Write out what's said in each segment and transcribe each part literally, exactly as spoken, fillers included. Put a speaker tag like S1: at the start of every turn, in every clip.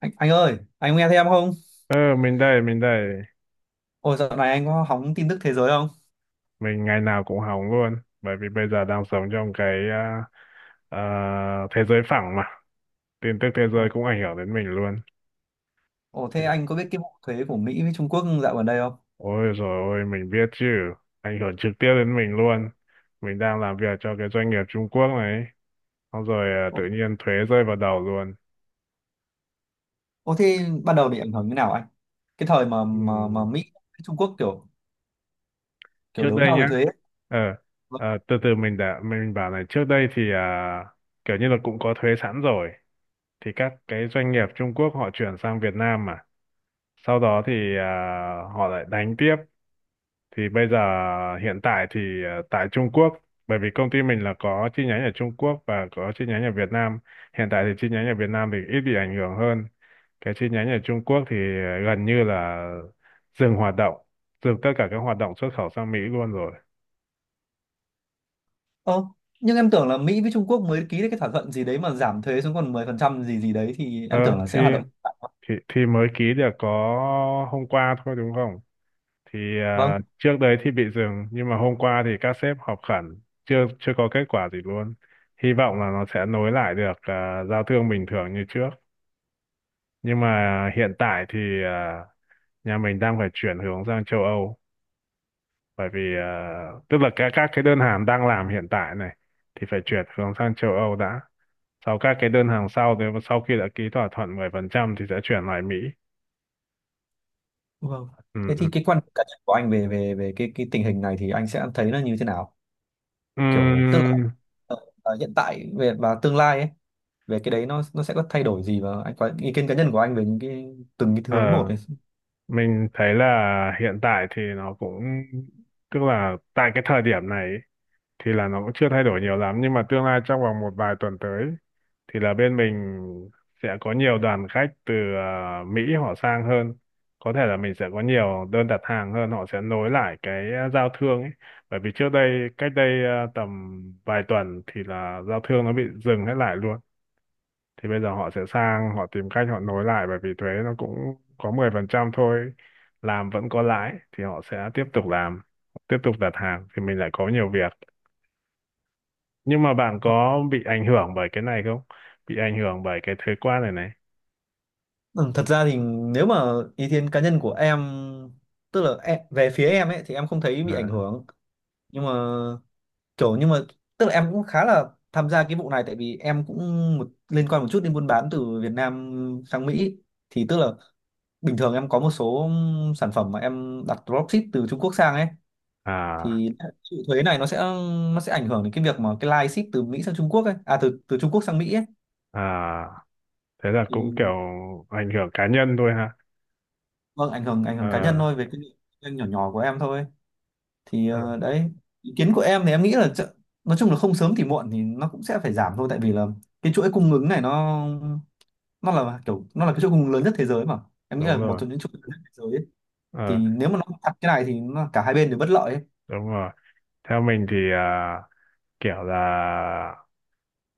S1: Anh, anh ơi, anh nghe thấy em không?
S2: Ờ, mình đây, mình đây.
S1: Ồ, dạo này anh có hóng tin tức thế giới không?
S2: Mình ngày nào cũng hóng luôn. Bởi vì bây giờ đang sống trong cái à, à, thế giới phẳng mà. Tin tức thế
S1: Ồ,
S2: giới cũng ảnh hưởng đến mình luôn.
S1: ồ,
S2: Thì,
S1: thế anh có biết cái vụ thuế của Mỹ với Trung Quốc dạo gần đây không?
S2: ôi rồi ôi, mình biết chứ. Ảnh hưởng trực tiếp đến mình luôn. Mình đang làm việc cho cái doanh nghiệp Trung Quốc này. Xong rồi à,
S1: Ồ,
S2: tự nhiên thuế rơi vào đầu luôn.
S1: ồ, thế ban đầu bị ảnh hưởng như nào anh? Cái thời mà mà, mà
S2: Ừm,
S1: Mỹ với Trung Quốc kiểu kiểu
S2: Trước
S1: đấu
S2: đây
S1: nhau về
S2: nhá.
S1: thuế ấy.
S2: Ờ, à, từ từ mình đã, mình bảo này. Trước đây thì à, kiểu như là cũng có thuế sẵn rồi. Thì các cái doanh nghiệp Trung Quốc họ chuyển sang Việt Nam mà sau đó thì à, họ lại đánh tiếp thì bây giờ hiện tại thì à, tại Trung Quốc, bởi vì công ty mình là có chi nhánh ở Trung Quốc và có chi nhánh ở Việt Nam. Hiện tại thì chi nhánh ở Việt Nam thì ít bị ảnh hưởng hơn, cái chi nhánh ở Trung Quốc thì à, gần như là dừng hoạt động, dừng tất cả các hoạt động xuất khẩu sang Mỹ luôn rồi.
S1: Ờ, nhưng em tưởng là Mỹ với Trung Quốc mới ký được cái thỏa thuận gì đấy mà giảm thuế xuống còn mười phần trăm gì gì đấy thì
S2: Ờ,
S1: em tưởng là
S2: thì
S1: sẽ hoạt động.
S2: thì thì mới ký được có hôm qua thôi đúng không. Thì
S1: Vâng,
S2: à, trước đấy thì bị dừng nhưng mà hôm qua thì các sếp họp khẩn, chưa chưa có kết quả gì luôn. Hy vọng là nó sẽ nối lại được à, giao thương bình thường như trước, nhưng mà hiện tại thì à, nhà mình đang phải chuyển hướng sang châu Âu. Bởi vì à, tức là các các cái đơn hàng đang làm hiện tại này thì phải chuyển hướng sang châu Âu đã. Sau các cái đơn hàng sau thì sau khi đã ký thỏa thuận mười phần trăm thì sẽ chuyển lại Mỹ.
S1: vâng.
S2: Ừ
S1: Thế thì
S2: ừ
S1: cái quan điểm cá nhân của anh về về về cái cái tình hình này thì anh sẽ thấy nó như thế nào? Kiểu tức
S2: ừ.
S1: là ờ, hiện tại về và tương lai ấy, về cái đấy nó nó sẽ có thay đổi gì, và anh có ý kiến cá nhân của anh về những cái từng cái hướng một này.
S2: Mình thấy là hiện tại thì nó cũng, tức là tại cái thời điểm này ý, thì là nó cũng chưa thay đổi nhiều lắm, nhưng mà tương lai trong vòng một vài tuần tới thì là bên mình sẽ có nhiều đoàn khách từ à, Mỹ họ sang hơn. Có thể là mình sẽ có nhiều đơn đặt hàng hơn, họ sẽ nối lại cái ờ, giao thương ấy. Bởi vì trước đây cách đây à, tầm vài tuần thì là giao thương nó bị dừng hết lại luôn, thì bây giờ họ sẽ sang họ tìm cách họ nối lại, bởi vì thuế nó cũng có mười phần trăm thôi, làm vẫn có lãi thì họ sẽ tiếp tục làm, tiếp tục đặt hàng thì mình lại có nhiều việc. Nhưng mà bạn
S1: Ờ,
S2: có bị ảnh hưởng bởi cái này không, bị ảnh hưởng bởi cái thuế quan này này?
S1: ừ, thật ra thì nếu mà ý kiến cá nhân của em, tức là em, về phía em ấy thì em không thấy
S2: À,
S1: bị ảnh hưởng, nhưng mà kiểu nhưng mà tức là em cũng khá là tham gia cái vụ này, tại vì em cũng một, liên quan một chút đến buôn bán từ Việt Nam sang Mỹ. Thì tức là bình thường em có một số sản phẩm mà em đặt dropship từ Trung Quốc sang ấy,
S2: à,
S1: thì chịu thuế này nó sẽ nó sẽ ảnh hưởng đến cái việc mà cái line ship từ Mỹ sang Trung Quốc ấy, à, từ từ Trung Quốc sang Mỹ ấy.
S2: à. Thế là cũng
S1: Thì
S2: kiểu ảnh hưởng cá nhân thôi ha.
S1: vâng, ảnh hưởng ảnh hưởng cá nhân
S2: Ờ.
S1: thôi, về cái doanh nhỏ nhỏ của em thôi. Thì
S2: Ừ.
S1: ờ, đấy, ý kiến của em thì em nghĩ là chợ- nói chung là không sớm thì muộn thì nó cũng sẽ phải giảm thôi, tại vì là cái chuỗi cung ứng này nó nó là kiểu, nó là cái chuỗi cung ứng lớn nhất thế giới mà. Em nghĩ
S2: Đúng
S1: là một
S2: rồi.
S1: trong những chuỗi lớn nhất thế giới ấy. Thì
S2: Ờ.
S1: nếu mà nó chặt cái này thì nó, cả hai bên đều bất lợi ấy.
S2: Đúng rồi. Theo mình thì à, kiểu là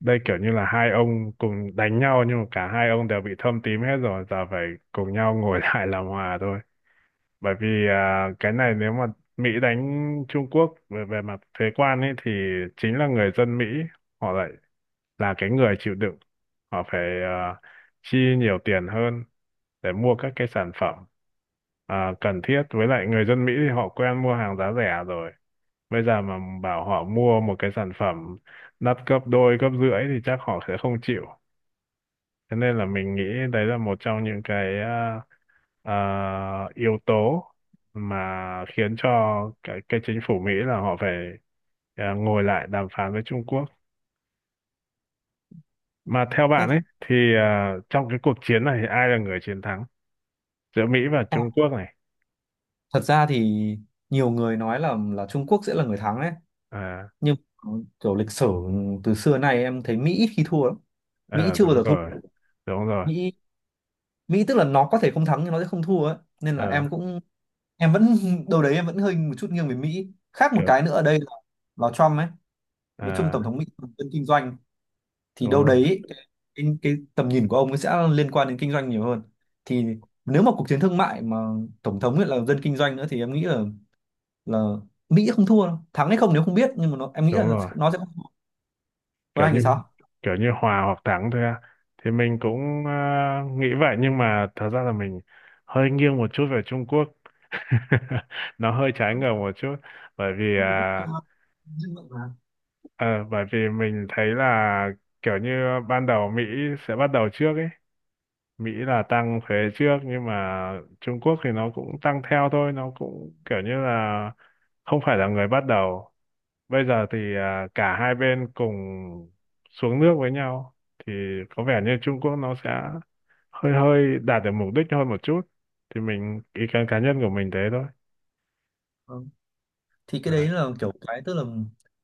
S2: đây kiểu như là hai ông cùng đánh nhau nhưng mà cả hai ông đều bị thâm tím hết rồi, giờ phải cùng nhau ngồi lại làm hòa thôi. Bởi vì à, cái này nếu mà Mỹ đánh Trung Quốc về về mặt thuế quan ấy thì chính là người dân Mỹ họ lại là cái người chịu đựng, họ phải à, chi nhiều tiền hơn để mua các cái sản phẩm à, cần thiết. Với lại người dân Mỹ thì họ quen mua hàng giá rẻ rồi, bây giờ mà bảo họ mua một cái sản phẩm đắt gấp đôi gấp rưỡi thì chắc họ sẽ không chịu. Thế nên là mình nghĩ đấy là một trong những cái à, à, yếu tố mà khiến cho cái, cái chính phủ Mỹ là họ phải à, ngồi lại đàm phán với Trung Quốc. Mà theo
S1: Thế
S2: bạn
S1: thì
S2: ấy thì à, trong cái cuộc chiến này thì ai là người chiến thắng giữa Mỹ và Trung Quốc này?
S1: thật ra thì nhiều người nói là là Trung Quốc sẽ là người thắng ấy,
S2: À,
S1: nhưng kiểu lịch sử từ xưa nay em thấy Mỹ ít khi thua lắm. Mỹ
S2: ờ,
S1: chưa bao
S2: đúng
S1: giờ thua.
S2: rồi, đúng rồi.
S1: Mỹ Mỹ tức là nó có thể không thắng nhưng nó sẽ không thua ấy, nên là
S2: Ờ,
S1: em cũng em vẫn đâu đấy em vẫn hơi một chút nghiêng về Mỹ. Khác một
S2: kiểu-
S1: cái nữa ở đây là, là Trump ấy. Nói chung
S2: à,
S1: tổng thống Mỹ là dân kinh doanh, thì
S2: đúng
S1: đâu
S2: rồi,
S1: đấy cái, cái, cái tầm nhìn của ông ấy sẽ liên quan đến kinh doanh nhiều hơn. Thì nếu mà cuộc chiến thương mại mà tổng thống ấy là dân kinh doanh nữa thì em nghĩ là là Mỹ không thua đâu, thắng hay không nếu không biết nhưng mà nó, em nghĩ
S2: đúng
S1: là
S2: rồi.
S1: nó sẽ không thua. Còn
S2: kiểu
S1: anh
S2: như
S1: thì sao?
S2: kiểu như hòa hoặc thắng thôi à. Thì mình cũng à, nghĩ vậy, nhưng mà thật ra là mình hơi nghiêng một chút về Trung Quốc. Nó hơi trái ngược một chút, bởi vì à,
S1: Có.
S2: ờ, bởi vì mình thấy là kiểu như ban đầu Mỹ sẽ bắt đầu trước ấy, Mỹ là tăng thuế trước nhưng mà Trung Quốc thì nó cũng tăng theo thôi, nó cũng kiểu như là không phải là người bắt đầu. Bây giờ thì à, cả hai bên cùng xuống nước với nhau thì có vẻ như Trung Quốc nó sẽ hơi hơi đạt được mục đích hơn một chút. Thì mình, ý kiến cá nhân của mình thế thôi.
S1: Ờ. Thì cái
S2: À,
S1: đấy là kiểu, cái tức là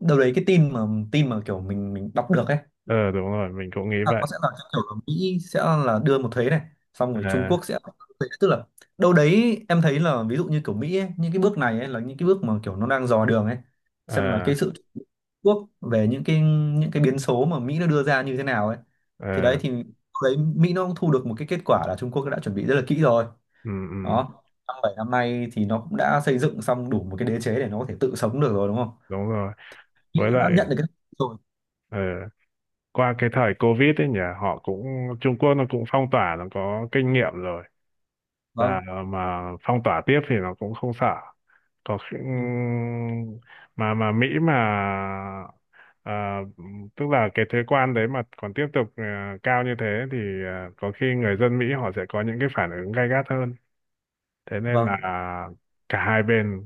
S1: đâu đấy cái tin mà tin mà kiểu mình mình đọc được ấy,
S2: ờ, đúng rồi, mình cũng nghĩ
S1: là
S2: vậy.
S1: có sẽ là cái kiểu là Mỹ sẽ là đưa một thuế này, xong rồi Trung
S2: À,
S1: Quốc sẽ là một thuế, tức là đâu đấy em thấy là ví dụ như kiểu Mỹ ấy, những cái bước này ấy là những cái bước mà kiểu nó đang dò đường ấy, xem là cái
S2: à,
S1: sự Trung Quốc về những cái những cái biến số mà Mỹ nó đưa ra như thế nào ấy. Thì đấy
S2: à,
S1: thì đâu đấy Mỹ nó cũng thu được một cái kết quả là Trung Quốc đã chuẩn bị rất là kỹ rồi,
S2: ừ, ừ,
S1: đó, năm bảy năm nay thì nó cũng đã xây dựng xong đủ một cái đế chế để nó có thể tự sống được rồi, đúng không.
S2: đúng rồi.
S1: Nghĩ
S2: Với
S1: nó
S2: lại
S1: đã nhận được cái rồi.
S2: ờ qua cái thời Covid ấy nhỉ, họ cũng, Trung Quốc nó cũng phong tỏa, nó có kinh nghiệm rồi,
S1: Vâng,
S2: là mà phong tỏa tiếp thì nó cũng không sợ. có khi-
S1: vâng,
S2: mà mà Mỹ mà à, tức là cái thuế quan đấy mà còn tiếp tục à, cao như thế thì à, có khi người dân Mỹ họ sẽ có những cái phản ứng gay gắt hơn. Thế nên là
S1: vâng,
S2: à, cả hai bên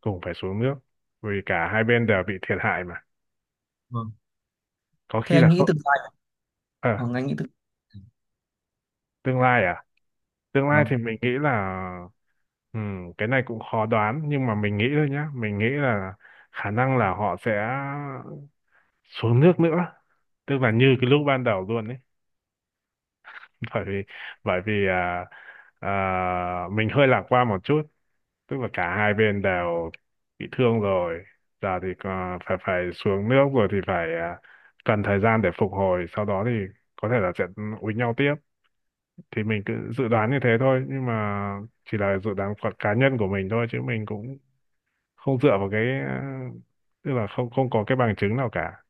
S2: cùng phải xuống nước, vì cả hai bên đều bị thiệt hại mà.
S1: vâng.
S2: Có
S1: Thế
S2: khi là
S1: anh nghĩ
S2: không.
S1: tương lai,
S2: Ờ,
S1: vâng, anh nghĩ tương,
S2: tương lai à? Tương lai
S1: vâng,
S2: thì mình nghĩ là ừm, cái này cũng khó đoán, nhưng mà mình nghĩ thôi nhá, mình nghĩ là khả năng là họ sẽ xuống nước nữa, tức là như cái lúc ban đầu luôn ấy. Bởi vì bởi vì à, à, mình hơi lạc quan một chút, tức là cả hai bên đều bị thương rồi, giờ thì à, phải phải xuống nước rồi thì phải à, cần thời gian để phục hồi, sau đó thì có thể là sẽ úi nhau tiếp. Thì mình cứ dự đoán như thế thôi, nhưng mà chỉ là dự đoán của cá nhân của mình thôi, chứ mình cũng không dựa vào cái à, tức là không không có cái bằng chứng nào cả.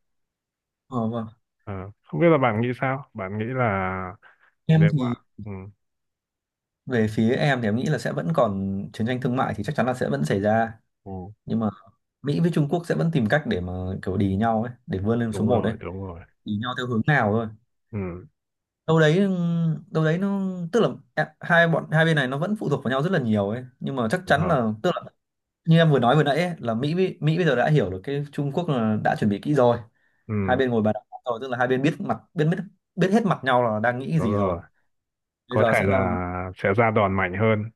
S1: ờ, vâng,
S2: Ờ, không biết là bạn nghĩ sao, bạn nghĩ là
S1: em
S2: nếu mà,
S1: thì,
S2: ừ.
S1: về phía em thì em nghĩ là sẽ vẫn còn chiến tranh thương mại thì chắc chắn là sẽ vẫn xảy ra,
S2: Ừ,
S1: nhưng mà Mỹ với Trung Quốc sẽ vẫn tìm cách để mà kiểu đì nhau ấy, để vươn lên số
S2: đúng
S1: một ấy,
S2: rồi, đúng rồi.
S1: đì nhau theo hướng nào thôi.
S2: Ừ,
S1: Đâu đấy ừ, đâu đấy nó tức là em- hai bọn hai bên này nó vẫn phụ thuộc vào nhau rất là nhiều ấy, nhưng mà chắc
S2: đúng
S1: chắn
S2: rồi.
S1: là, tức là như em vừa nói vừa nãy ấy, là Mỹ Mỹ bây giờ đã hiểu được cái Trung Quốc là đã chuẩn bị kỹ rồi. Hai
S2: Ừ,
S1: bên ngồi bàn đàm rồi, tức là hai bên biết mặt biết biết biết hết mặt nhau là đang nghĩ cái
S2: đúng
S1: gì rồi.
S2: rồi.
S1: Bây
S2: Có
S1: giờ
S2: thể
S1: sẽ là,
S2: là sẽ ra đòn mạnh hơn.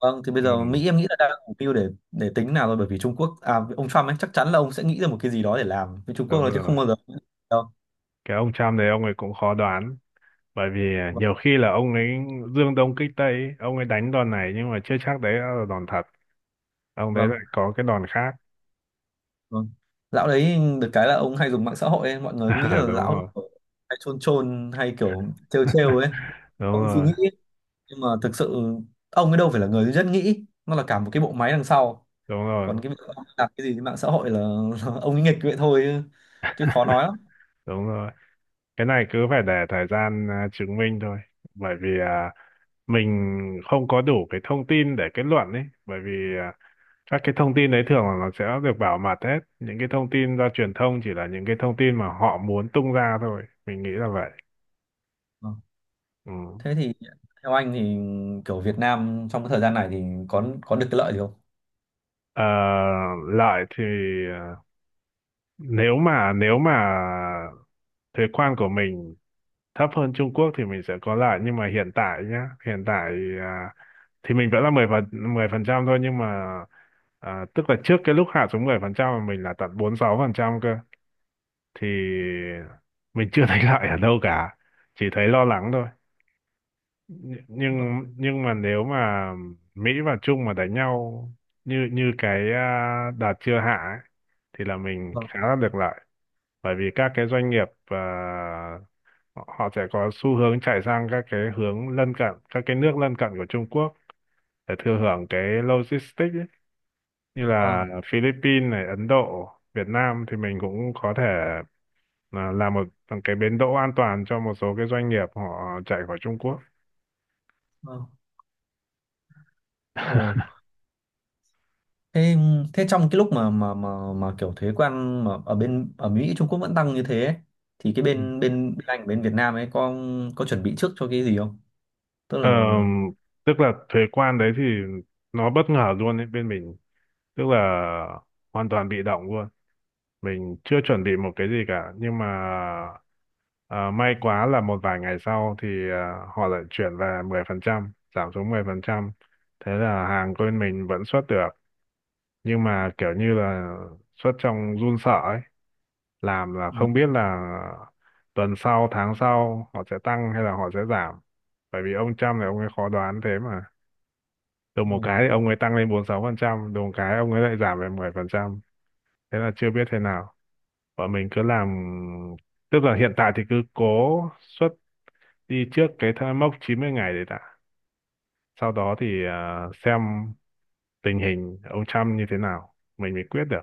S1: vâng, thì bây
S2: Ừ,
S1: giờ Mỹ em nghĩ là đang mục tiêu để để tính nào rồi, bởi vì Trung Quốc, à, ông Trump ấy chắc chắn là ông sẽ nghĩ ra một cái gì đó để làm với Trung Quốc
S2: đúng
S1: rồi chứ không
S2: rồi.
S1: bao giờ đâu.
S2: Cái ông Trump đấy ông ấy cũng khó đoán. Bởi vì
S1: Vâng,
S2: nhiều khi là ông ấy dương đông kích tây, ấy, ông ấy đánh đòn này nhưng mà chưa chắc đấy là đòn thật. Ông đấy lại
S1: vâng,
S2: có cái đòn khác.
S1: vâng. Lão đấy được cái là ông hay dùng mạng xã hội ấy. Mọi người nghĩ là
S2: Đúng
S1: lão
S2: rồi.
S1: hay chôn chôn hay kiểu trêu trêu ấy
S2: Đúng
S1: không suy
S2: rồi.
S1: nghĩ, nhưng mà thực sự ông ấy đâu phải là người duy nhất nghĩ, nó là cả một cái bộ máy đằng sau.
S2: Đúng
S1: Còn
S2: rồi.
S1: cái việc ông ấy làm cái gì trên mạng xã hội là, là ông ấy nghịch vậy thôi chứ, chứ khó nói lắm.
S2: Đúng rồi. Cái này cứ phải để thời gian à, chứng minh thôi, bởi vì à, mình không có đủ cái thông tin để kết luận ấy, bởi vì à, các cái thông tin đấy thường là nó sẽ được bảo mật hết, những cái thông tin do truyền thông chỉ là những cái thông tin mà họ muốn tung ra thôi, mình nghĩ là vậy.
S1: Ờ.
S2: Ừ.
S1: Thế thì theo anh thì kiểu Việt Nam trong cái thời gian này thì có có được cái lợi gì không?
S2: Ờ, lợi thì à, nếu mà nếu mà thuế quan của mình thấp hơn Trung Quốc thì mình sẽ có lại, nhưng mà hiện tại nhá, hiện tại à, thì mình vẫn là mười phần mười phần trăm thôi, nhưng mà à, tức là trước cái lúc hạ xuống mười phần trăm mà mình là tận bốn mươi sáu phần trăm cơ, thì mình chưa thấy lại ở đâu cả, chỉ thấy lo lắng thôi. Nh- nhưng nhưng mà nếu mà Mỹ và Trung mà đánh nhau như như cái à, đợt chưa hạ ấy, thì là mình
S1: Vâng,
S2: khá là được lợi. Bởi vì các cái doanh nghiệp à, họ họ sẽ có xu hướng chạy sang các cái hướng lân cận, các cái nước lân cận của Trung Quốc để thừa hưởng cái logistics ấy. Như là
S1: vâng,
S2: Philippines này, Ấn Độ, Việt Nam thì mình cũng có thể à, làm một cái bến đỗ an toàn cho một số cái doanh nghiệp họ chạy khỏi Trung Quốc.
S1: vâng. Ồ, thế thế trong cái lúc mà mà mà mà kiểu thuế quan mà ở bên, ở Mỹ Trung Quốc vẫn tăng như thế ấy, thì cái bên bên bên Anh, bên Việt Nam ấy có có chuẩn bị trước cho cái gì không? Tức là
S2: Ờ, tức là thuế quan đấy thì nó bất ngờ luôn ấy, bên mình tức là hoàn toàn bị động luôn, mình chưa chuẩn bị một cái gì cả. Nhưng mà ờ, may quá là một vài ngày sau thì ờ, họ lại chuyển về mười phần trăm, giảm xuống mười phần trăm, thế là hàng của bên mình vẫn xuất được, nhưng mà kiểu như là xuất trong run sợ ấy, làm là
S1: vâng.
S2: không biết là tuần sau tháng sau họ sẽ tăng hay là họ sẽ giảm. Bởi vì ông Trump này ông ấy khó đoán thế mà, đùng một
S1: Ồ,
S2: cái thì ông ấy tăng lên bốn mươi sáu phần trăm, đùng một cái ông ấy lại giảm về mười phần trăm, thế là chưa biết thế nào. Bọn mình cứ làm, tức là hiện tại thì cứ cố xuất đi trước cái thai- mốc chín mươi ngày đấy đã, sau đó thì à, xem tình hình ông Trump như thế nào mình mới quyết được.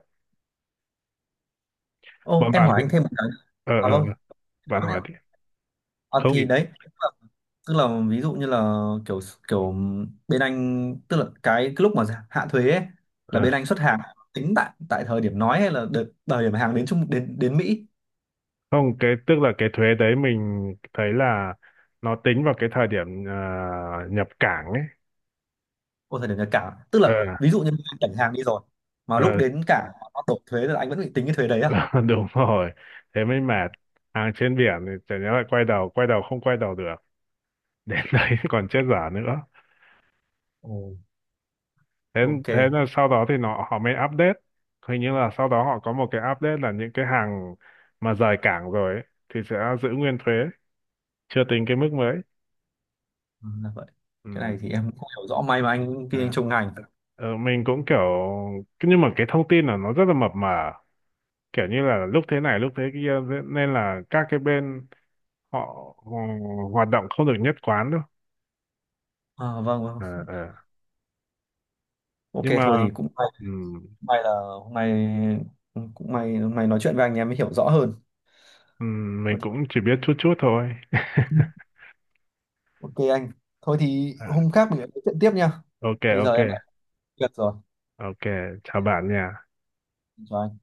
S1: ồ,
S2: Bọn
S1: em
S2: bạn
S1: hỏi
S2: thì
S1: anh thêm một cái.
S2: ờ ờ
S1: À vâng,
S2: ờ, bạn
S1: thôi
S2: hỏi
S1: ạ.
S2: đi.
S1: À,
S2: Không ý.
S1: thì đấy tức là, tức là ví dụ như là kiểu kiểu bên Anh, tức là cái, cái lúc mà, dạ, hạ thuế ấy, là bên Anh xuất hàng, tính tại tại thời điểm nói hay là đợt, thời điểm hàng đến Trung đến đến Mỹ.
S2: Không, cái tức là cái thuế đấy mình thấy là nó tính vào cái thời điểm ờ, nhập cảng ấy.
S1: Ô, thời điểm nhập cảng, tức
S2: Ờ,
S1: là ví dụ như anh cảnh hàng đi rồi mà lúc
S2: ờ,
S1: đến cảng nó đổ thuế là anh vẫn bị tính cái thuế đấy à?
S2: đúng rồi. Thế mới mệt. Hàng trên biển thì chả nhẽ lại quay đầu, quay đầu không quay đầu được. Đến đấy còn chết dở nữa.
S1: Ồ,
S2: Thế
S1: ok.
S2: thế là sau đó thì nó, họ mới update. Hình như là sau đó họ có một cái update là những cái hàng mà rời cảng rồi ấy, thì sẽ giữ nguyên thuế, chưa tính cái mức mới.
S1: Ừ, là vậy. Cái
S2: Ừ.
S1: này thì em cũng không hiểu rõ, may mà anh kinh anh
S2: À.
S1: trong ngành.
S2: Ờ, mình cũng kiểu, nhưng mà cái thông tin là nó rất là mập mờ, kiểu như là lúc thế này lúc thế kia nên là các cái bên họ ờ, hoạt động không được nhất quán đâu.
S1: À, vâng vâng,
S2: Ờ, ờ.
S1: ok,
S2: Nhưng
S1: thôi
S2: mà
S1: thì cũng may,
S2: ừm,
S1: may là hôm nay cũng may hôm nay nói chuyện với anh em mới hiểu rõ hơn.
S2: ừm, mình cũng chỉ biết chút chút thôi.
S1: Ok anh. Thôi thì
S2: Ờ,
S1: hôm khác mình lại nói chuyện tiếp nha.
S2: ok
S1: Bây giờ
S2: ok
S1: em đã có việc rồi.
S2: ok, chào bạn nha
S1: Chào anh.